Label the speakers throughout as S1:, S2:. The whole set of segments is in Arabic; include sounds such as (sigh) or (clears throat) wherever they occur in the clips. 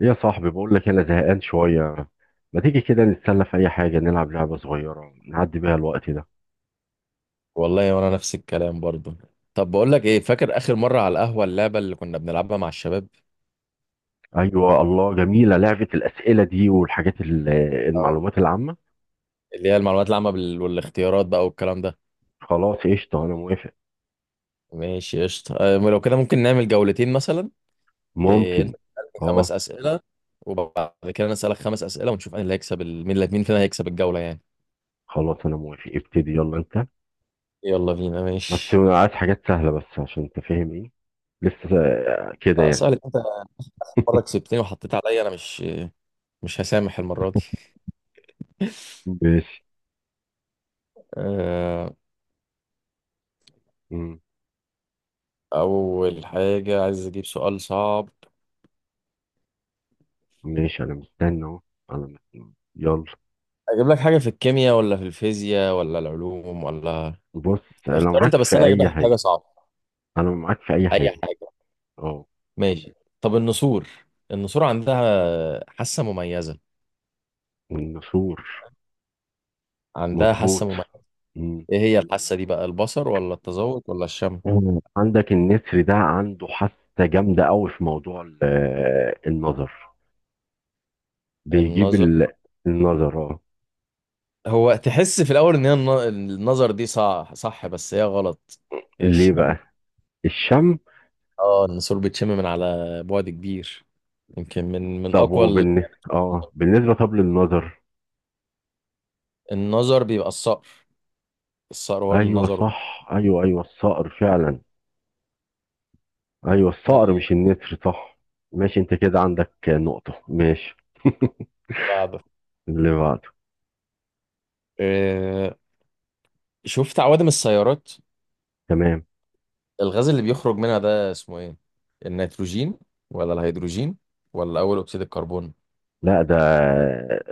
S1: إيه يا صاحبي، بقول لك انا زهقان شويه. ما تيجي كده نتسلى في اي حاجه؟ نلعب لعبه صغيره نعدي بيها الوقت ده.
S2: والله وانا نفس الكلام برضو. طب بقول لك ايه، فاكر اخر مره على القهوه اللعبه اللي كنا بنلعبها مع الشباب؟
S1: ايوه الله جميله لعبه الاسئله دي والحاجات
S2: اه،
S1: المعلومات العامه.
S2: اللي هي المعلومات العامه والاختيارات بقى والكلام ده.
S1: خلاص قشطه، انا موافق.
S2: ماشي قشطه، لو كده ممكن نعمل جولتين مثلا. إيه، انت
S1: ممكن.
S2: تسالني خمس
S1: اه.
S2: اسئله وبعد كده انا اسالك خمس اسئله ونشوف مين اللي هيكسب مين اللي مين فينا هيكسب الجوله يعني.
S1: خلاص انا موافق، ابتدي، يلا انت.
S2: يلا بينا
S1: بس
S2: ماشي.
S1: عايز حاجات سهله، بس عشان انت فاهم ايه. لسه كده
S2: لا،
S1: يعني.
S2: اسالك انت. مره كسبتني وحطيت عليا، انا مش هسامح المره دي. (laughs)
S1: ماشي.
S2: آه،
S1: مم.
S2: اول حاجه عايز اجيب سؤال صعب.
S1: ماشي، انا مستني اهو. انا مستني، يلا.
S2: اجيب لك حاجه في الكيمياء ولا في الفيزياء ولا العلوم ولا؟
S1: بص، انا
S2: اختار
S1: معاك
S2: انت بس
S1: في
S2: انا اجيب لك
S1: اي
S2: حاجه
S1: حاجه.
S2: صعبه.
S1: انا معاك في اي
S2: اي
S1: حاجه.
S2: حاجه.
S1: اه.
S2: ماشي. طب، النسور، النسور عندها حاسه مميزه،
S1: النسور.
S2: عندها حاسه
S1: مظبوط.
S2: مميزه.
S1: مم.
S2: ايه هي الحاسه دي بقى، البصر ولا التذوق ولا الشم؟
S1: مم. عندك النسر ده عنده حاسة جامدة قوي في موضوع النظر. بيجيب
S2: النظر.
S1: النظر اه.
S2: هو تحس في الاول ان هي النظر دي صح صح بس هي غلط. هي
S1: ليه
S2: الشم.
S1: بقى؟ الشم.
S2: اه، النسور بتشم من على بعد كبير. يمكن من
S1: طب
S2: اقوى
S1: اه بالنسبة طب للنظر.
S2: النظر بيبقى الصقر. الصقر هو اللي
S1: ايوه
S2: النظر.
S1: صح، ايوه، ايوه، الصقر فعلا. ايوه
S2: آه،
S1: الصقر مش النسر، صح. ماشي، انت كده عندك نقطة، ماشي. (laughs)
S2: بعد.
S1: اللي بعده.
S2: آه، شفت عوادم السيارات؟
S1: تمام.
S2: الغاز اللي بيخرج منها ده اسمه ايه، النيتروجين ولا الهيدروجين ولا اول اكسيد الكربون؟
S1: لا، ده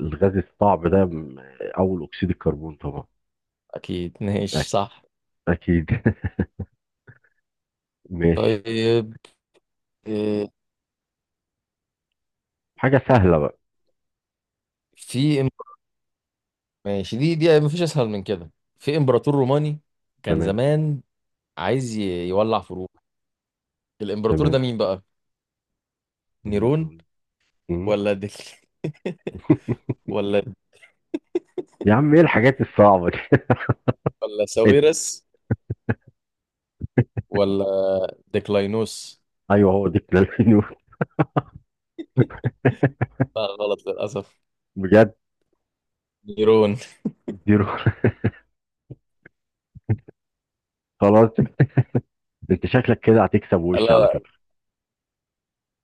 S1: الغاز الصعب ده، اول اكسيد الكربون طبعا.
S2: اكيد. (laughs) ماشي صح.
S1: أكيد. (laughs) ماشي.
S2: طيب، آه،
S1: حاجة سهلة بقى.
S2: في إم- ماشي، دي مفيش اسهل من كده. في امبراطور روماني كان
S1: تمام.
S2: زمان عايز يولع فروع. الامبراطور
S1: تمام،
S2: ده مين بقى، نيرون
S1: م- م-
S2: ولا ديك (laughs) ولا
S1: يا عم إيه الحاجات الصعبة دي؟
S2: ولا
S1: (laughs)
S2: ساويرس ولا ديكلاينوس؟
S1: أيوه هو دي بلال النور.
S2: لا غلط للاسف.
S1: بجد.
S2: نيرون.
S1: زيرو. (laughs) خلاص. أنت شكلك كده هتكسب وش على
S2: لا،
S1: فكرة.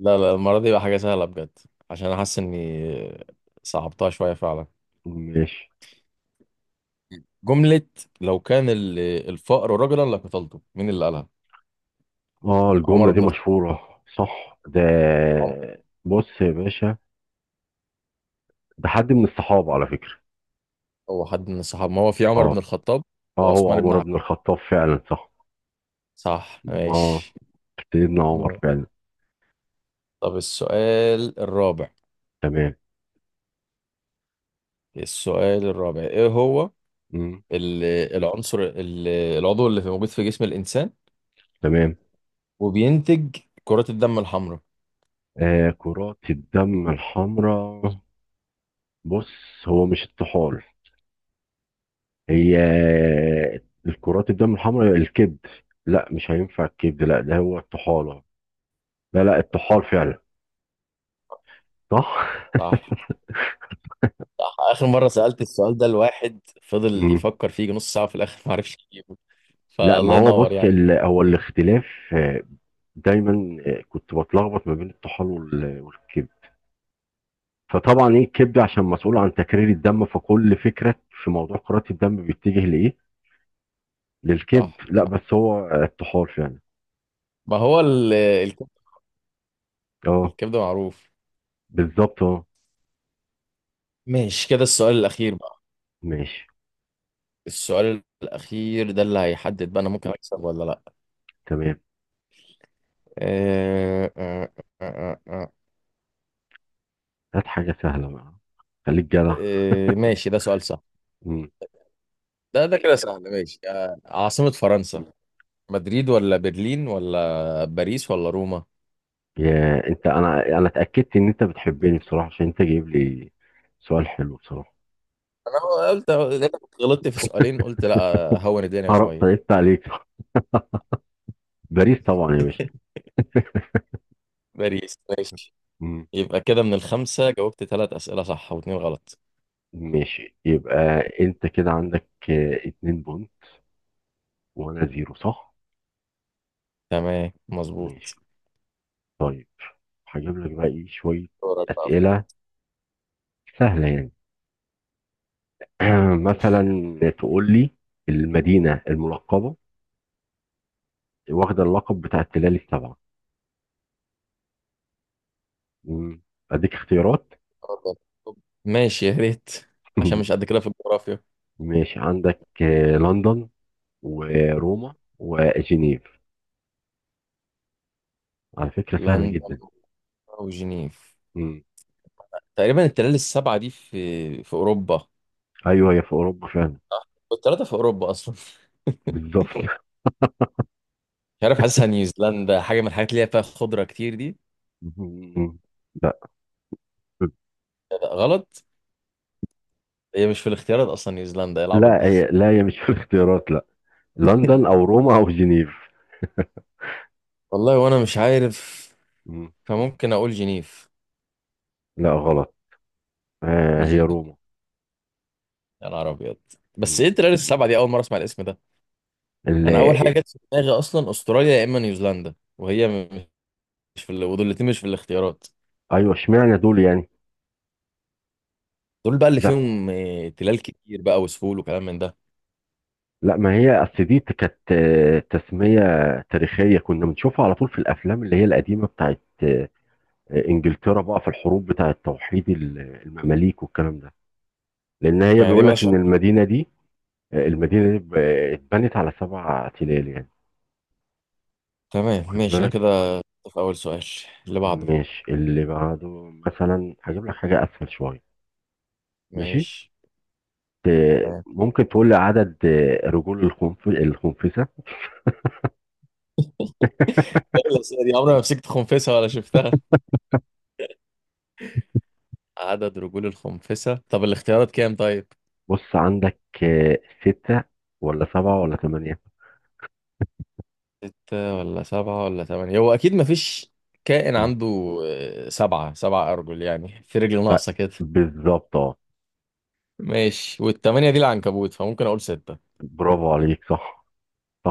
S2: لا، لا، المرة دي بقى حاجة سهلة بجد عشان أنا حاسس إني صعبتها شوية فعلا.
S1: ماشي.
S2: جملة "لو كان الفقر رجلا لقتلته"، مين اللي قالها؟
S1: آه،
S2: عمر
S1: الجملة دي
S2: بن الخطاب.
S1: مشهورة، صح ده.
S2: عمر-
S1: بص يا باشا، ده حد من الصحابة على فكرة.
S2: هو حد من الصحابة، ما هو في عمر بن
S1: آه.
S2: الخطاب
S1: آه، هو
S2: وعثمان بن
S1: عمر
S2: عفان.
S1: بن الخطاب فعلا، صح.
S2: صح
S1: آه،
S2: ماشي.
S1: سيدنا عمر
S2: ماشي.
S1: فعلا.
S2: طب السؤال الرابع.
S1: تمام.
S2: السؤال الرابع إيه هو؟
S1: م-
S2: ال- العنصر العضو اللي موجود في جسم الإنسان
S1: تمام.
S2: وبينتج كرات الدم الحمراء.
S1: آه، كرات الدم الحمراء. بص، هو مش الطحال. هي الكرات الدم الحمراء، الكبد. لا، مش هينفع الكبد، لا، ده هو الطحالة. لا، لا، الطحال
S2: صح
S1: فعلا. صح.
S2: صح. اخر مره سالت السؤال ده لواحد فضل
S1: مم.
S2: يفكر فيه نص ساعه، في الاخر (laughs) ما عرفش يجيبه.
S1: لا،
S2: فالله
S1: ما هو
S2: ينور
S1: بص،
S2: يعني.
S1: هو الاختلاف. آه، دايما كنت بتلخبط ما بين الطحال والكبد. فطبعا ايه الكبد عشان مسؤول عن تكرير الدم، فكل فكرة في موضوع كرات الدم بيتجه لايه؟ للكبد.
S2: صح
S1: لا،
S2: صح.
S1: بس هو الطحال فعلا.
S2: ما هو الكبده،
S1: اه.
S2: الكبده معروف.
S1: بالظبط اه.
S2: ماشي كده، السؤال الاخير بقى.
S1: ماشي.
S2: السؤال الاخير ده اللي هيحدد بقى انا ممكن اكسب ولا لا.
S1: تمام.
S2: آه آه آه آه آه آه.
S1: هات حاجة سهلة بقى، خليك جدع.
S2: ماشي، ده سؤال سهل.
S1: مم.
S2: ده كده سهل ماشي، عاصمه فرنسا، مدريد ولا برلين ولا باريس ولا روما؟
S1: يا انت، انا اتاكدت ان انت بتحبني بصراحه، عشان انت جايب لي سؤال حلو بصراحه.
S2: انا قلت، غلطت في سؤالين قلت لا هون الدنيا
S1: هرب،
S2: شويه.
S1: طيبت عليك. باريس طبعا يا باشا.
S2: (laughs) باريس ماشي.
S1: مم.
S2: يبقى كده من الخمسة جاوبت ثلاث أسئلة صح واتنين غلط.
S1: ماشي، يبقى انت كده عندك اتنين بونت، وانا زيرو، صح.
S2: تمام مظبوط.
S1: ماشي. طيب، هجيب لك بقى ايه شويه
S2: دورك بقى في
S1: اسئله سهله يعني. (clears throat) مثلا
S2: الجغرافيا.
S1: تقول لي المدينه الملقبه، واخده اللقب بتاع التلال السبعه. مم. اديك اختيارات.
S2: اتفضل. ماشي يا ريت، عشان
S1: (laughs)
S2: مش قد كده في الجغرافيا.
S1: ماشي، عندك لندن وروما وجنيف. على فكرة سهلة
S2: لندن
S1: جدا.
S2: وجنيف.
S1: مم.
S2: تقريبا التلال السبعة دي في أوروبا،
S1: أيوه هي في أوروبا فعلا.
S2: والتلاتة في أوروبا أصلا. (laughs)
S1: بالظبط. (laughs)
S2: مش عارف، حاسسها نيوزيلندا، حاجة من الحاجات اللي هي فيها خضرة كتير دي.
S1: مم. لا،
S2: لا، غلط. هي مش في الاختيارات أصلا نيوزيلندا، ايه العبط
S1: لا،
S2: ده.
S1: هي، لا، هي مش في الاختيارات، لا. لندن أو روما أو جنيف.
S2: والله وأنا مش عارف،
S1: مم.
S2: فممكن أقول جنيف.
S1: لا، غلط. آه،
S2: مش،
S1: هي روما.
S2: يا نهار ابيض. بس ايه
S1: مم.
S2: التريال السبعه دي، اول مره اسمع الاسم ده.
S1: ال-
S2: انا اول حاجه جت في دماغي اصلا استراليا يا اما نيوزيلندا، وهي مش في ودول الاتنين مش في الاختيارات.
S1: أيوه، اشمعنى دول يعني؟
S2: دول بقى اللي
S1: لا،
S2: فيهم تلال كتير بقى وسهول وكلام من ده.
S1: لا، ما هي أصل دي كانت تسمية تاريخية كنا بنشوفها على طول في الأفلام اللي هي القديمة بتاعت إنجلترا، بقى في الحروب بتاعت توحيد المماليك والكلام ده. لان هي
S2: يعني دي
S1: بيقول لك
S2: مالهاش.
S1: ان المدينه دي، المدينه دي ب- اتبنت على سبع تلال يعني.
S2: تمام
S1: واخد
S2: ماشي، انا
S1: بالك.
S2: كده في اول سؤال. اللي بعده.
S1: مش اللي بعده. مثلا هجيب لك حاجه اسهل شويه. ماشي.
S2: ماشي. تمام.
S1: ممكن تقول لي عدد رجول الخنفسه؟
S2: إيه الأسئلة دي، عمري ما مسكت خنفسة ولا شفتها. عدد رجول الخنفسة، طب الاختيارات كام طيب؟
S1: بص عندك سته ولا سبعه ولا ثمانيه.
S2: ستة ولا سبعة ولا تمانية. هو أكيد مفيش كائن
S1: مم.
S2: عنده سبعة أرجل يعني في رجل
S1: آه،
S2: ناقصة كده.
S1: بالظبط اه.
S2: ماشي، والتمانية دي العنكبوت، فممكن أقول ستة.
S1: برافو عليك، صح.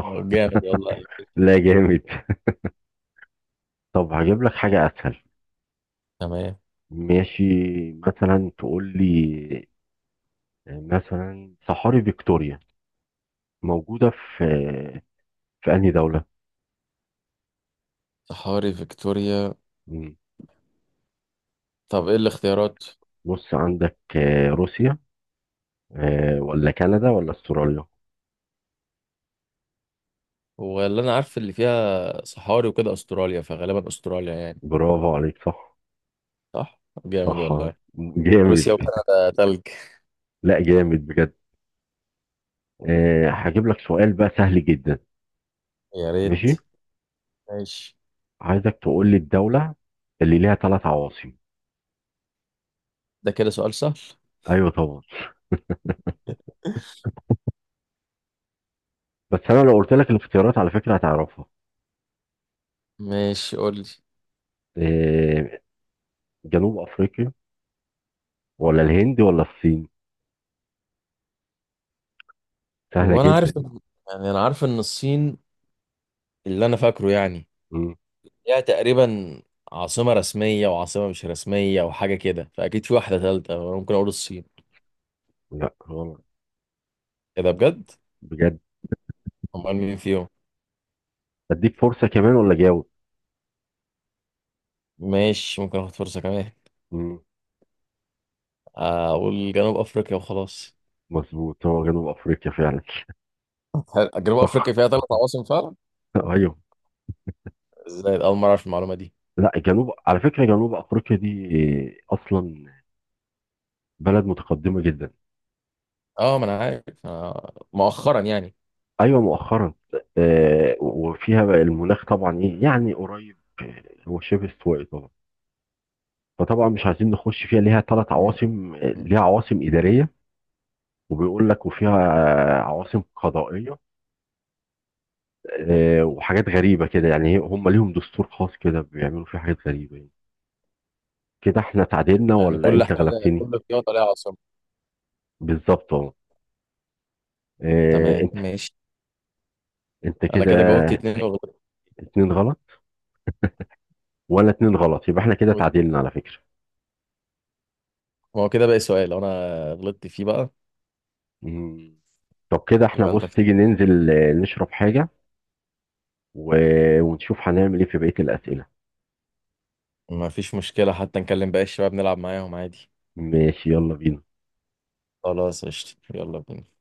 S2: يلا طب جامد والله أيوة.
S1: (laughs) لا جامد. طب هجيب لك حاجه اسهل.
S2: تمام.
S1: ماشي. مثلا تقول لي، مثلا، صحاري فيكتوريا موجودة في في أنهي دولة؟
S2: صحاري فيكتوريا.
S1: مم.
S2: طب إيه الاختيارات؟
S1: بص عندك روسيا، ولا كندا ولا استراليا.
S2: هو اللي أنا عارف اللي فيها صحاري وكده أستراليا، فغالبا أستراليا يعني.
S1: برافو عليك، صح.
S2: صح؟ طب جامد
S1: صح آه.
S2: والله.
S1: جامد.
S2: روسيا وكندا تلج.
S1: لا جامد بجد. هجيب لك سؤال بقى سهل جدا.
S2: يا ريت.
S1: ماشي.
S2: ماشي،
S1: عايزك تقول لي الدولة اللي ليها ثلاث عواصم.
S2: ده كده سؤال سهل.
S1: ايوه طبعا. بس انا لو قلت لك الاختيارات على فكرة هتعرفها.
S2: ماشي قول لي.
S1: آه، جنوب افريقيا ولا الهند ولا الصين. سهلة
S2: هو أنا
S1: جدا.
S2: عارف، يعني أنا عارف إن الصين، اللي أنا فاكره يعني،
S1: مم.
S2: ليها تقريبا عاصمة رسمية وعاصمة مش رسمية وحاجة كده، فأكيد في واحدة تالتة. ممكن أقول الصين.
S1: لا، غلط.
S2: ايه ده بجد؟
S1: بجد.
S2: امال مين فيهم؟
S1: اديك فرصة كمان ولا جاوب؟
S2: ماشي، ممكن اخد فرصه كمان. اقول جنوب افريقيا وخلاص.
S1: مظبوط، هو جنوب افريقيا فعلا.
S2: جنوب
S1: (laughs)
S2: افريقيا
S1: صح.
S2: فيها ثلاث عواصم فعلا؟
S1: ايوه.
S2: ازاي، اول مره اعرف المعلومه دي.
S1: لا، على فكره، جنوب افريقيا دي اصلا بلد متقدمه جدا.
S2: اه، ما انا عارف، مؤخرا يعني.
S1: ايوه مؤخرا. وفيها بقى المناخ، طبعا ايه يعني، قريب هو شبه استوائي طبعا. فطبعا مش عايزين نخش فيها، ليها ثلاث
S2: مم.
S1: عواصم،
S2: مم.
S1: ليها عواصم اداريه، وبيقول لك وفيها عواصم قضائيه. وحاجات غريبه كده يعني، هم ليهم دستور خاص كده بيعملوا فيه حاجات غريبه يعني. كده احنا تعادلنا
S2: يعني
S1: ولا
S2: كل
S1: انت
S2: حاجه،
S1: غلبتني؟
S2: كل رياضه ليها عاصمه.
S1: بالظبط. آه،
S2: تمام
S1: انت
S2: ماشي،
S1: انت
S2: انا
S1: كده
S2: كده جاوبت اتنين وغلطت.
S1: اتنين غلط، وانا اتنين غلط، يبقى احنا كده
S2: وت-
S1: تعادلنا على فكرة.
S2: ما هو كده باقي سؤال لو انا غلطت فيه بقى،
S1: مم. طب كده احنا،
S2: يبقى انت.
S1: بص تيجي ننزل نشرب حاجة، ونشوف هنعمل ايه في بقية الأسئلة.
S2: ما فيش مشكله، حتى نكلم باقي الشباب نلعب معاهم عادي.
S1: ماشي، يلا بينا.
S2: خلاص قشطة، يلا بينا.